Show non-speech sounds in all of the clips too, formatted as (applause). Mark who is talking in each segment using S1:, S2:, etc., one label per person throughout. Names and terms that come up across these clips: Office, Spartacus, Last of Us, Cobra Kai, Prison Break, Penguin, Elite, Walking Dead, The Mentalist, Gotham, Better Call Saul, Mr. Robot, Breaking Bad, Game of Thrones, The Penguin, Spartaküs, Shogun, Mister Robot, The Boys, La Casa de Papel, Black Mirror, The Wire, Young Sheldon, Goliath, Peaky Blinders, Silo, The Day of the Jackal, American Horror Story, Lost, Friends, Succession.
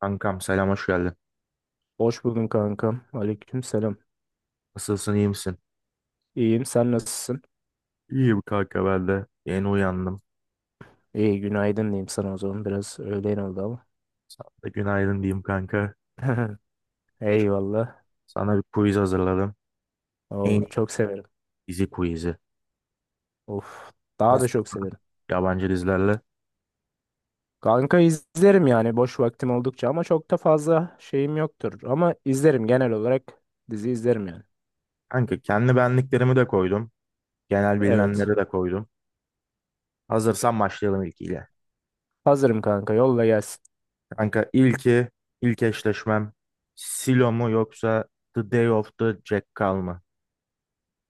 S1: Kankam selam, hoş geldin.
S2: Hoş buldum kankam. Aleyküm selam.
S1: Nasılsın, iyi misin?
S2: İyiyim. Sen nasılsın?
S1: İyiyim kanka, ben de. Yeni uyandım.
S2: İyi günaydın diyeyim sana o zaman. Biraz öğlen oldu ama.
S1: Sana da günaydın diyeyim kanka.
S2: (laughs)
S1: Şimdi
S2: Eyvallah.
S1: sana bir quiz hazırladım. En
S2: Oo,
S1: iyi
S2: çok severim.
S1: dizi quizi.
S2: Of. Daha da
S1: Nasıl?
S2: çok severim.
S1: Yabancı dizilerle.
S2: Kanka izlerim yani boş vaktim oldukça ama çok da fazla şeyim yoktur. Ama izlerim genel olarak dizi izlerim yani.
S1: Kanka kendi benliklerimi de koydum. Genel
S2: Evet.
S1: bilinenleri de koydum. Hazırsan başlayalım ilkiyle.
S2: Hazırım kanka yolla gelsin.
S1: Kanka ilki, ilk eşleşmem Silo mu yoksa The Day of the Jackal mı?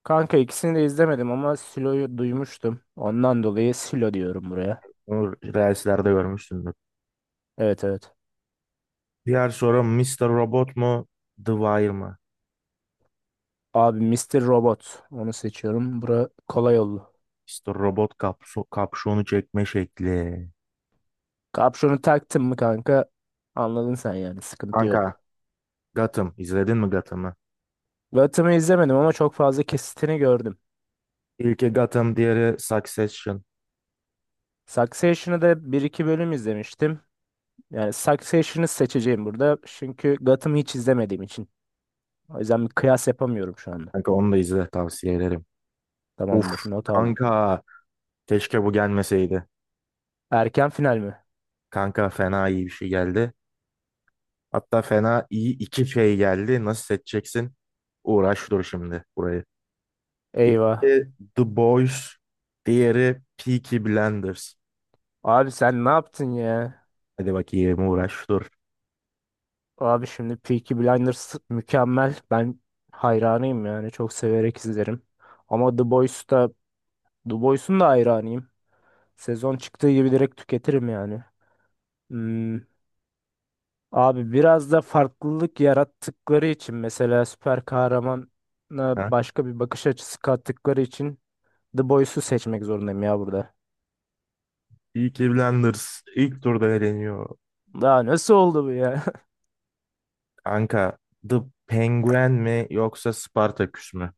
S2: Kanka ikisini de izlemedim ama Silo'yu duymuştum. Ondan dolayı Silo diyorum buraya.
S1: Bunu Reels'lerde görmüşsündür.
S2: Evet, evet.
S1: Diğer soru Mr. Robot mu The Wire mı?
S2: Abi Mister Robot onu seçiyorum. Bura kolay oldu.
S1: İşte robot kapşonu çekme şekli.
S2: Kapşonu taktın mı kanka? Anladın sen yani sıkıntı
S1: Kanka
S2: yok.
S1: Gotham izledin mi Gotham'ı?
S2: Gotham'ı izlemedim ama çok fazla kesitini gördüm.
S1: İlki Gotham, diğeri Succession.
S2: Succession'ı da bir iki bölüm izlemiştim. Yani Succession'ı seçeceğim burada, çünkü Gotham'ı hiç izlemediğim için. O yüzden bir kıyas yapamıyorum şu anda.
S1: Kanka onu da izle, tavsiye ederim. Uf
S2: Tamamdır, not aldım.
S1: kanka, keşke bu gelmeseydi.
S2: Erken final mi?
S1: Kanka fena iyi bir şey geldi. Hatta fena iyi iki şey geldi. Nasıl seçeceksin? Uğraş dur şimdi burayı.
S2: Eyvah.
S1: İlki The Boys, diğeri Peaky Blinders.
S2: Abi sen ne yaptın ya?
S1: Hadi bakayım, uğraş dur.
S2: Abi şimdi Peaky Blinders mükemmel. Ben hayranıyım yani çok severek izlerim. Ama The Boys'un da hayranıyım. Sezon çıktığı gibi direkt tüketirim yani. Hmm, Abi biraz da farklılık yarattıkları için, mesela süper kahramana
S1: Ha?
S2: başka bir bakış açısı kattıkları için The Boys'u seçmek zorundayım ya burada.
S1: Peaky Blinders ilk turda eleniyor.
S2: Daha nasıl oldu bu ya?
S1: Anka, The Penguin mi yoksa Spartaküs mü?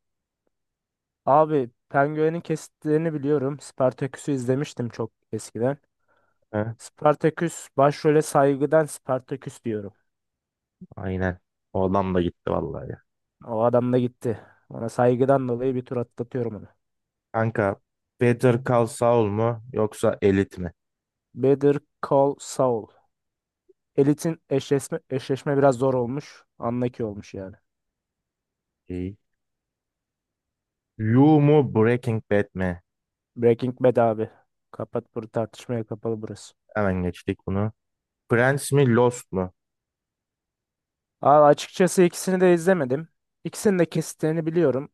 S2: (laughs) Abi Penguin'in kesitlerini biliyorum. Spartaküs'ü izlemiştim çok eskiden.
S1: He?
S2: Spartaküs, başrole saygıdan Spartaküs diyorum.
S1: Aynen. O adam da gitti vallahi ya.
S2: O adam da gitti. Ona saygıdan dolayı bir tur atlatıyorum onu.
S1: Anka, Better Call Saul mu yoksa Elite mi?
S2: Better Call Saul. Elit'in eşleşme biraz zor olmuş. Anlaki olmuş yani.
S1: İyi. You mu Breaking Bad mi?
S2: Breaking Bad abi. Kapat bunu, tartışmaya kapalı burası.
S1: Hemen geçtik bunu. Friends mi Lost mu?
S2: Abi açıkçası ikisini de izlemedim. İkisinin de kesitlerini biliyorum.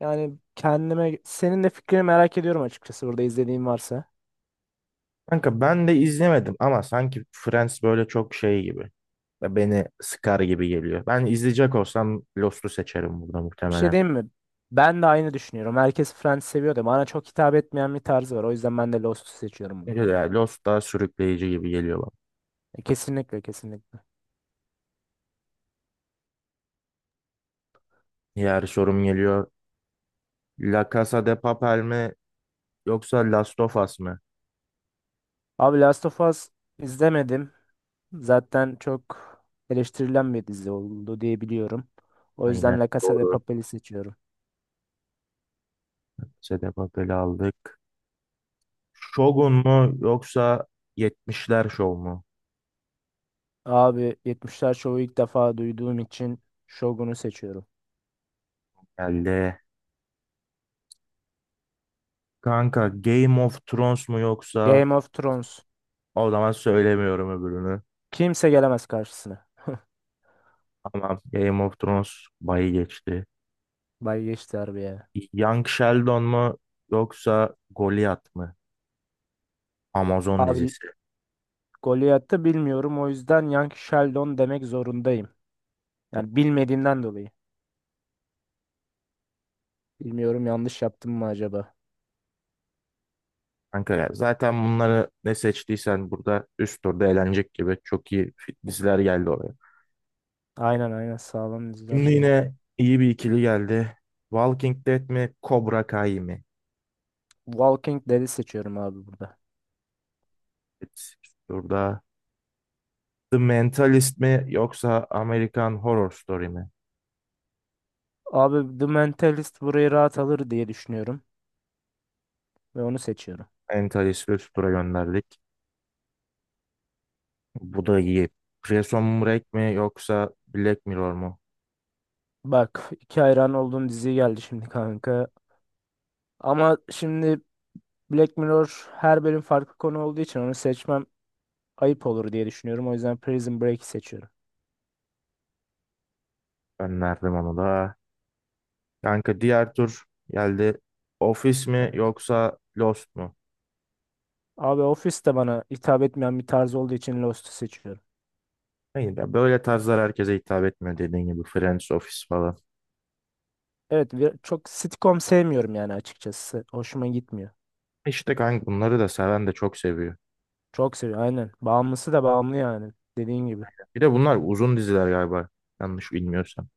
S2: Yani kendime senin de fikrini merak ediyorum açıkçası burada izlediğin varsa.
S1: Kanka ben de izlemedim ama sanki Friends böyle çok şey gibi. Ve beni sıkar gibi geliyor. Ben izleyecek olsam Lost'u seçerim burada
S2: Bir şey
S1: muhtemelen.
S2: diyeyim mi? Ben de aynı düşünüyorum. Herkes Friends seviyor da bana çok hitap etmeyen bir tarzı var. O yüzden ben de Lost'u seçiyorum bunu.
S1: Çünkü ya Lost daha sürükleyici gibi geliyor bana.
S2: E, kesinlikle kesinlikle.
S1: Diğer sorum geliyor. La Casa de Papel mi yoksa Last of Us mı?
S2: Abi Last of Us izlemedim. Zaten çok eleştirilen bir dizi oldu diye biliyorum. O
S1: Aynen,
S2: yüzden La Casa de
S1: doğru.
S2: Papel'i seçiyorum.
S1: Casa de Papel'i aldık. Shogun mu yoksa 70'ler Show mu?
S2: Abi 70'ler şovu ilk defa duyduğum için Shogun'u seçiyorum.
S1: Geldi. Kanka Game of Thrones mu yoksa,
S2: Game of Thrones.
S1: o zaman söylemiyorum öbürünü.
S2: Kimse gelemez karşısına.
S1: Tamam, Game of Thrones bayı geçti.
S2: Bay geçti harbiye.
S1: Young Sheldon mu yoksa Goliath mı? Amazon
S2: Abi
S1: dizisi.
S2: Goliath'ı bilmiyorum, o yüzden Young Sheldon demek zorundayım. Yani bilmediğimden dolayı. Bilmiyorum, yanlış yaptım mı acaba?
S1: Kanka ya zaten bunları ne seçtiysen burada üst turda eğlenecek gibi çok iyi diziler geldi oraya.
S2: Aynen, aynen, sağlam diziler
S1: Şimdi
S2: şey.
S1: yine iyi bir ikili geldi. Walking Dead mi, Cobra Kai mi?
S2: Walking Dead'i seçiyorum abi burada.
S1: Evet. Burada The Mentalist mi yoksa American Horror Story mi?
S2: Abi The Mentalist burayı rahat alır diye düşünüyorum. Ve onu seçiyorum.
S1: Mentalist'i üst tura gönderdik. Bu da iyi. Prison Break mi yoksa Black Mirror mu?
S2: Bak, iki hayran olduğum dizi geldi şimdi kanka. Ama şimdi Black Mirror her bölüm farklı konu olduğu için onu seçmem ayıp olur diye düşünüyorum. O yüzden Prison Break'i seçiyorum.
S1: Gönderdim onu da. Kanka diğer tur geldi. Office mi
S2: Evet.
S1: yoksa Lost mu?
S2: Abi Office de bana hitap etmeyen bir tarz olduğu için Lost'u seçiyorum.
S1: Hayır, ya böyle tarzlar herkese hitap etmiyor dediğin gibi. Friends, Office falan.
S2: Evet, çok sitcom sevmiyorum yani açıkçası. Hoşuma gitmiyor.
S1: İşte kanka bunları da seven de çok seviyor.
S2: Çok seviyorum aynen. Bağımlısı da bağımlı yani dediğin gibi.
S1: Bir de bunlar uzun diziler galiba. Yanlış bilmiyorsam.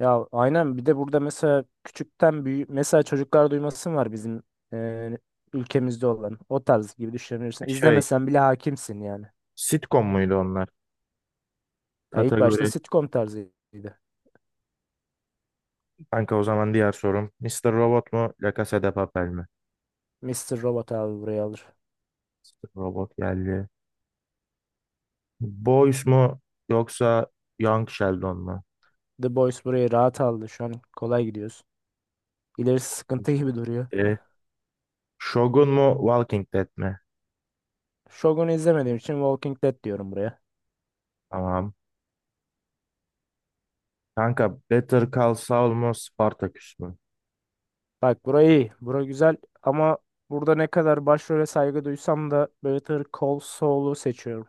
S2: Ya aynen, bir de burada mesela küçükten büyü, mesela çocuklar duymasın, var bizim e, ülkemizde olan o tarz gibi düşünebilirsin.
S1: Şey,
S2: İzlemesen bile hakimsin yani.
S1: sitcom muydu onlar?
S2: Ya ilk başta
S1: Kategori.
S2: sitcom tarzıydı.
S1: Kanka o zaman diğer sorum. Mister Robot mu? La Casa de Papel mi?
S2: Mister Robot abi buraya alır.
S1: Mr. Robot geldi. Boys mu? Yoksa Young Sheldon mu?
S2: The Boys burayı rahat aldı. Şu an kolay gidiyoruz. İlerisi sıkıntı gibi duruyor.
S1: İşte, Shogun mu? Walking Dead mi?
S2: Shogun'u izlemediğim için Walking Dead diyorum buraya.
S1: Tamam. Kanka Better Call Saul mu? Spartacus mu?
S2: Bak burayı, iyi. Bura güzel ama burada ne kadar başrole saygı duysam da Better Call Saul'u seçiyorum.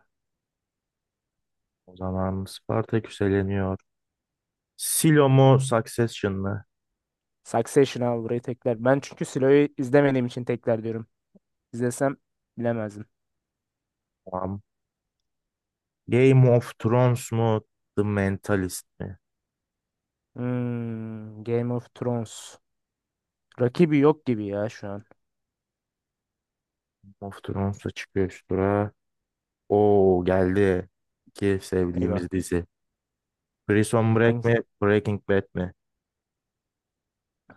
S1: O zaman Spartacus eleniyor. Silo mu? Succession mı?
S2: Succession abi burayı tekrar. Ben çünkü Silo'yu izlemediğim için tekrar diyorum. İzlesem bilemezdim.
S1: Tamam. Game of Thrones mu? The Mentalist mi?
S2: Game of Thrones. Rakibi yok gibi ya şu an.
S1: Of Thrones'a çıkıyor üst tura. Oo, geldi. İki
S2: Eyvah.
S1: sevdiğimiz dizi. Prison Break
S2: Hangisi?
S1: mi? Breaking Bad mi?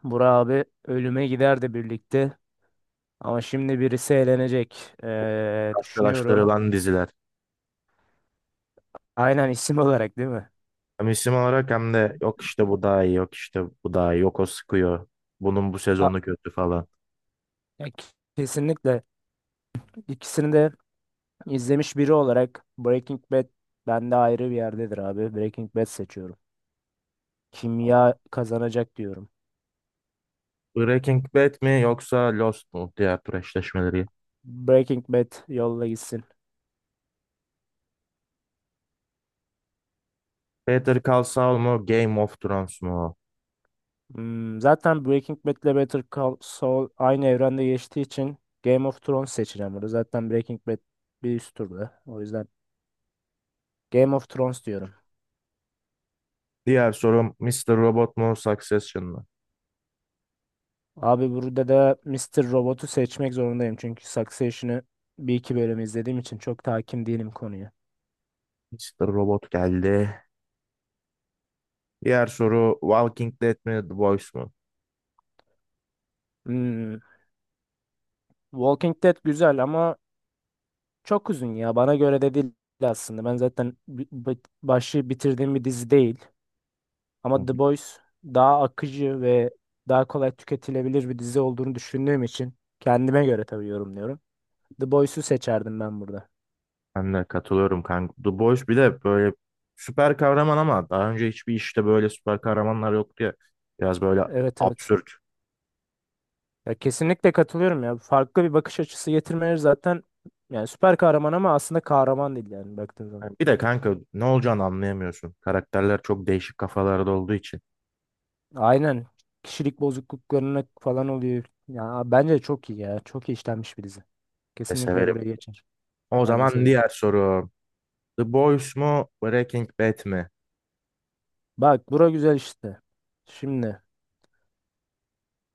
S2: Burak abi ölüme giderdi birlikte. Ama şimdi birisi eğlenecek. Düşünüyorum.
S1: Karşılaştırılan diziler.
S2: Aynen isim olarak değil mi?
S1: Hem isim olarak hem de yok işte bu daha iyi, yok işte bu daha iyi, yok o sıkıyor. Bunun bu
S2: A-
S1: sezonu kötü falan.
S2: Ya kesinlikle. İkisini de izlemiş biri olarak Breaking Bad bende ayrı bir yerdedir abi. Breaking Bad seçiyorum. Kimya kazanacak diyorum.
S1: Breaking Bad mi yoksa Lost mu? Diğer tur eşleşmeleri.
S2: Breaking Bad yolla gitsin.
S1: Better Call Saul mu? Game of Thrones mu?
S2: Zaten Breaking Bad ile Better Call Saul aynı evrende geçtiği için Game of Thrones seçeceğim burada. Zaten Breaking Bad bir üst turda. O yüzden Game of Thrones diyorum.
S1: Diğer sorum Mr. Robot mu? Succession mu?
S2: Abi burada da Mister Robot'u seçmek zorundayım. Çünkü Succession'ı bir iki bölüm izlediğim için çok hakim değilim konuya.
S1: Mr. Robot geldi. Diğer soru Walking Dead mi? The Boys
S2: Hmm, Walking Dead güzel ama çok uzun ya. Bana göre de değil aslında. Ben zaten başı bitirdiğim bir dizi değil. Ama
S1: mu?
S2: The Boys daha akıcı ve daha kolay tüketilebilir bir dizi olduğunu düşündüğüm için, kendime göre tabii yorumluyorum, The Boys'u seçerdim ben burada.
S1: Ben de katılıyorum kanka. The Boys bir de böyle süper kahraman ama daha önce hiçbir işte böyle süper kahramanlar yoktu ya. Biraz böyle
S2: Evet, evet.
S1: absürt.
S2: Ya kesinlikle katılıyorum ya. Farklı bir bakış açısı getirmeleri zaten yani, süper kahraman ama aslında kahraman değil yani baktığın zaman.
S1: Yani bir de kanka ne olacağını anlayamıyorsun. Karakterler çok değişik kafalarda olduğu için
S2: Aynen. Kişilik bozukluklarına falan oluyor. Ya bence çok iyi ya. Çok iyi işlenmiş bir dizi.
S1: de
S2: Kesinlikle
S1: severim.
S2: buraya geçer.
S1: O
S2: Ben de
S1: zaman
S2: severim.
S1: diğer soru. The Boys mu Breaking Bad mi?
S2: Bak bura güzel işte. Şimdi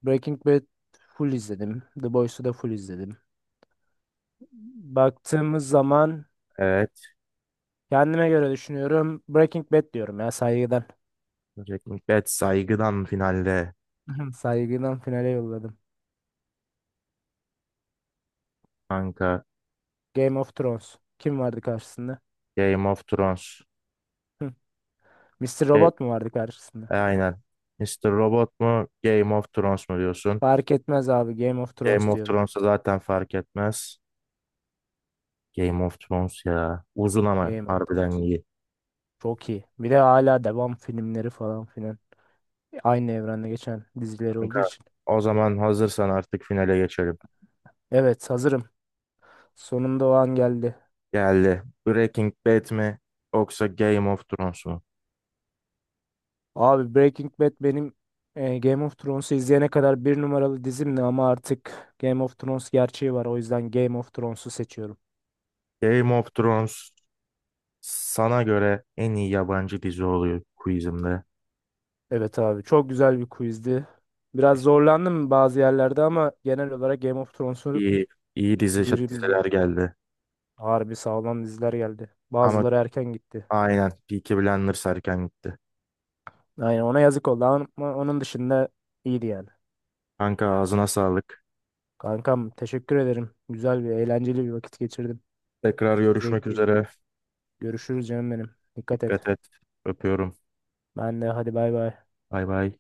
S2: Breaking Bad full izledim. The Boys'u da full izledim. Baktığımız zaman
S1: Evet.
S2: kendime göre düşünüyorum. Breaking Bad diyorum ya, saygıdan.
S1: Breaking Bad saygıdan finalde
S2: (laughs) Saygıdan finale yolladım.
S1: kanka.
S2: Game of Thrones. Kim vardı karşısında?
S1: Game of Thrones.
S2: Hı. Mr.
S1: E,
S2: Robot mu vardı karşısında?
S1: aynen. Mr. Robot mu Game of Thrones mu diyorsun?
S2: Fark etmez abi. Game of
S1: Game
S2: Thrones
S1: of
S2: diyorum.
S1: Thrones'a zaten fark etmez. Game of Thrones ya. Uzun ama
S2: Game of
S1: harbiden
S2: Thrones.
S1: iyi.
S2: Çok iyi. Bir de hala devam filmleri falan filan. Aynı evrende geçen dizileri olduğu
S1: Kanka,
S2: için.
S1: o zaman hazırsan artık finale geçelim.
S2: Evet, hazırım. Sonunda o an geldi.
S1: Geldi. Breaking Bad mi yoksa Game of Thrones mu?
S2: Abi Breaking Bad benim Game of Thrones'u izleyene kadar bir numaralı dizimdi, ama artık Game of Thrones gerçeği var. O yüzden Game of Thrones'u seçiyorum.
S1: Game of Thrones sana göre en iyi yabancı dizi oluyor quizimde.
S2: Evet abi, çok güzel bir quizdi. Biraz zorlandım bazı yerlerde ama genel olarak Game of Thrones'u
S1: İyi, iyi dizi,
S2: birimdi.
S1: diziler geldi.
S2: Harbi sağlam diziler geldi.
S1: Ama
S2: Bazıları erken gitti.
S1: aynen Peaky Blinders erken gitti.
S2: Aynen, ona yazık oldu ama onun dışında iyiydi yani.
S1: Kanka ağzına sağlık.
S2: Kankam teşekkür ederim. Güzel bir, eğlenceli bir vakit geçirdim.
S1: Tekrar görüşmek
S2: Zevkliydi.
S1: üzere.
S2: Görüşürüz canım benim. Dikkat
S1: Dikkat
S2: et.
S1: et. Öpüyorum.
S2: Ben de, hadi bay bay.
S1: Bay bay.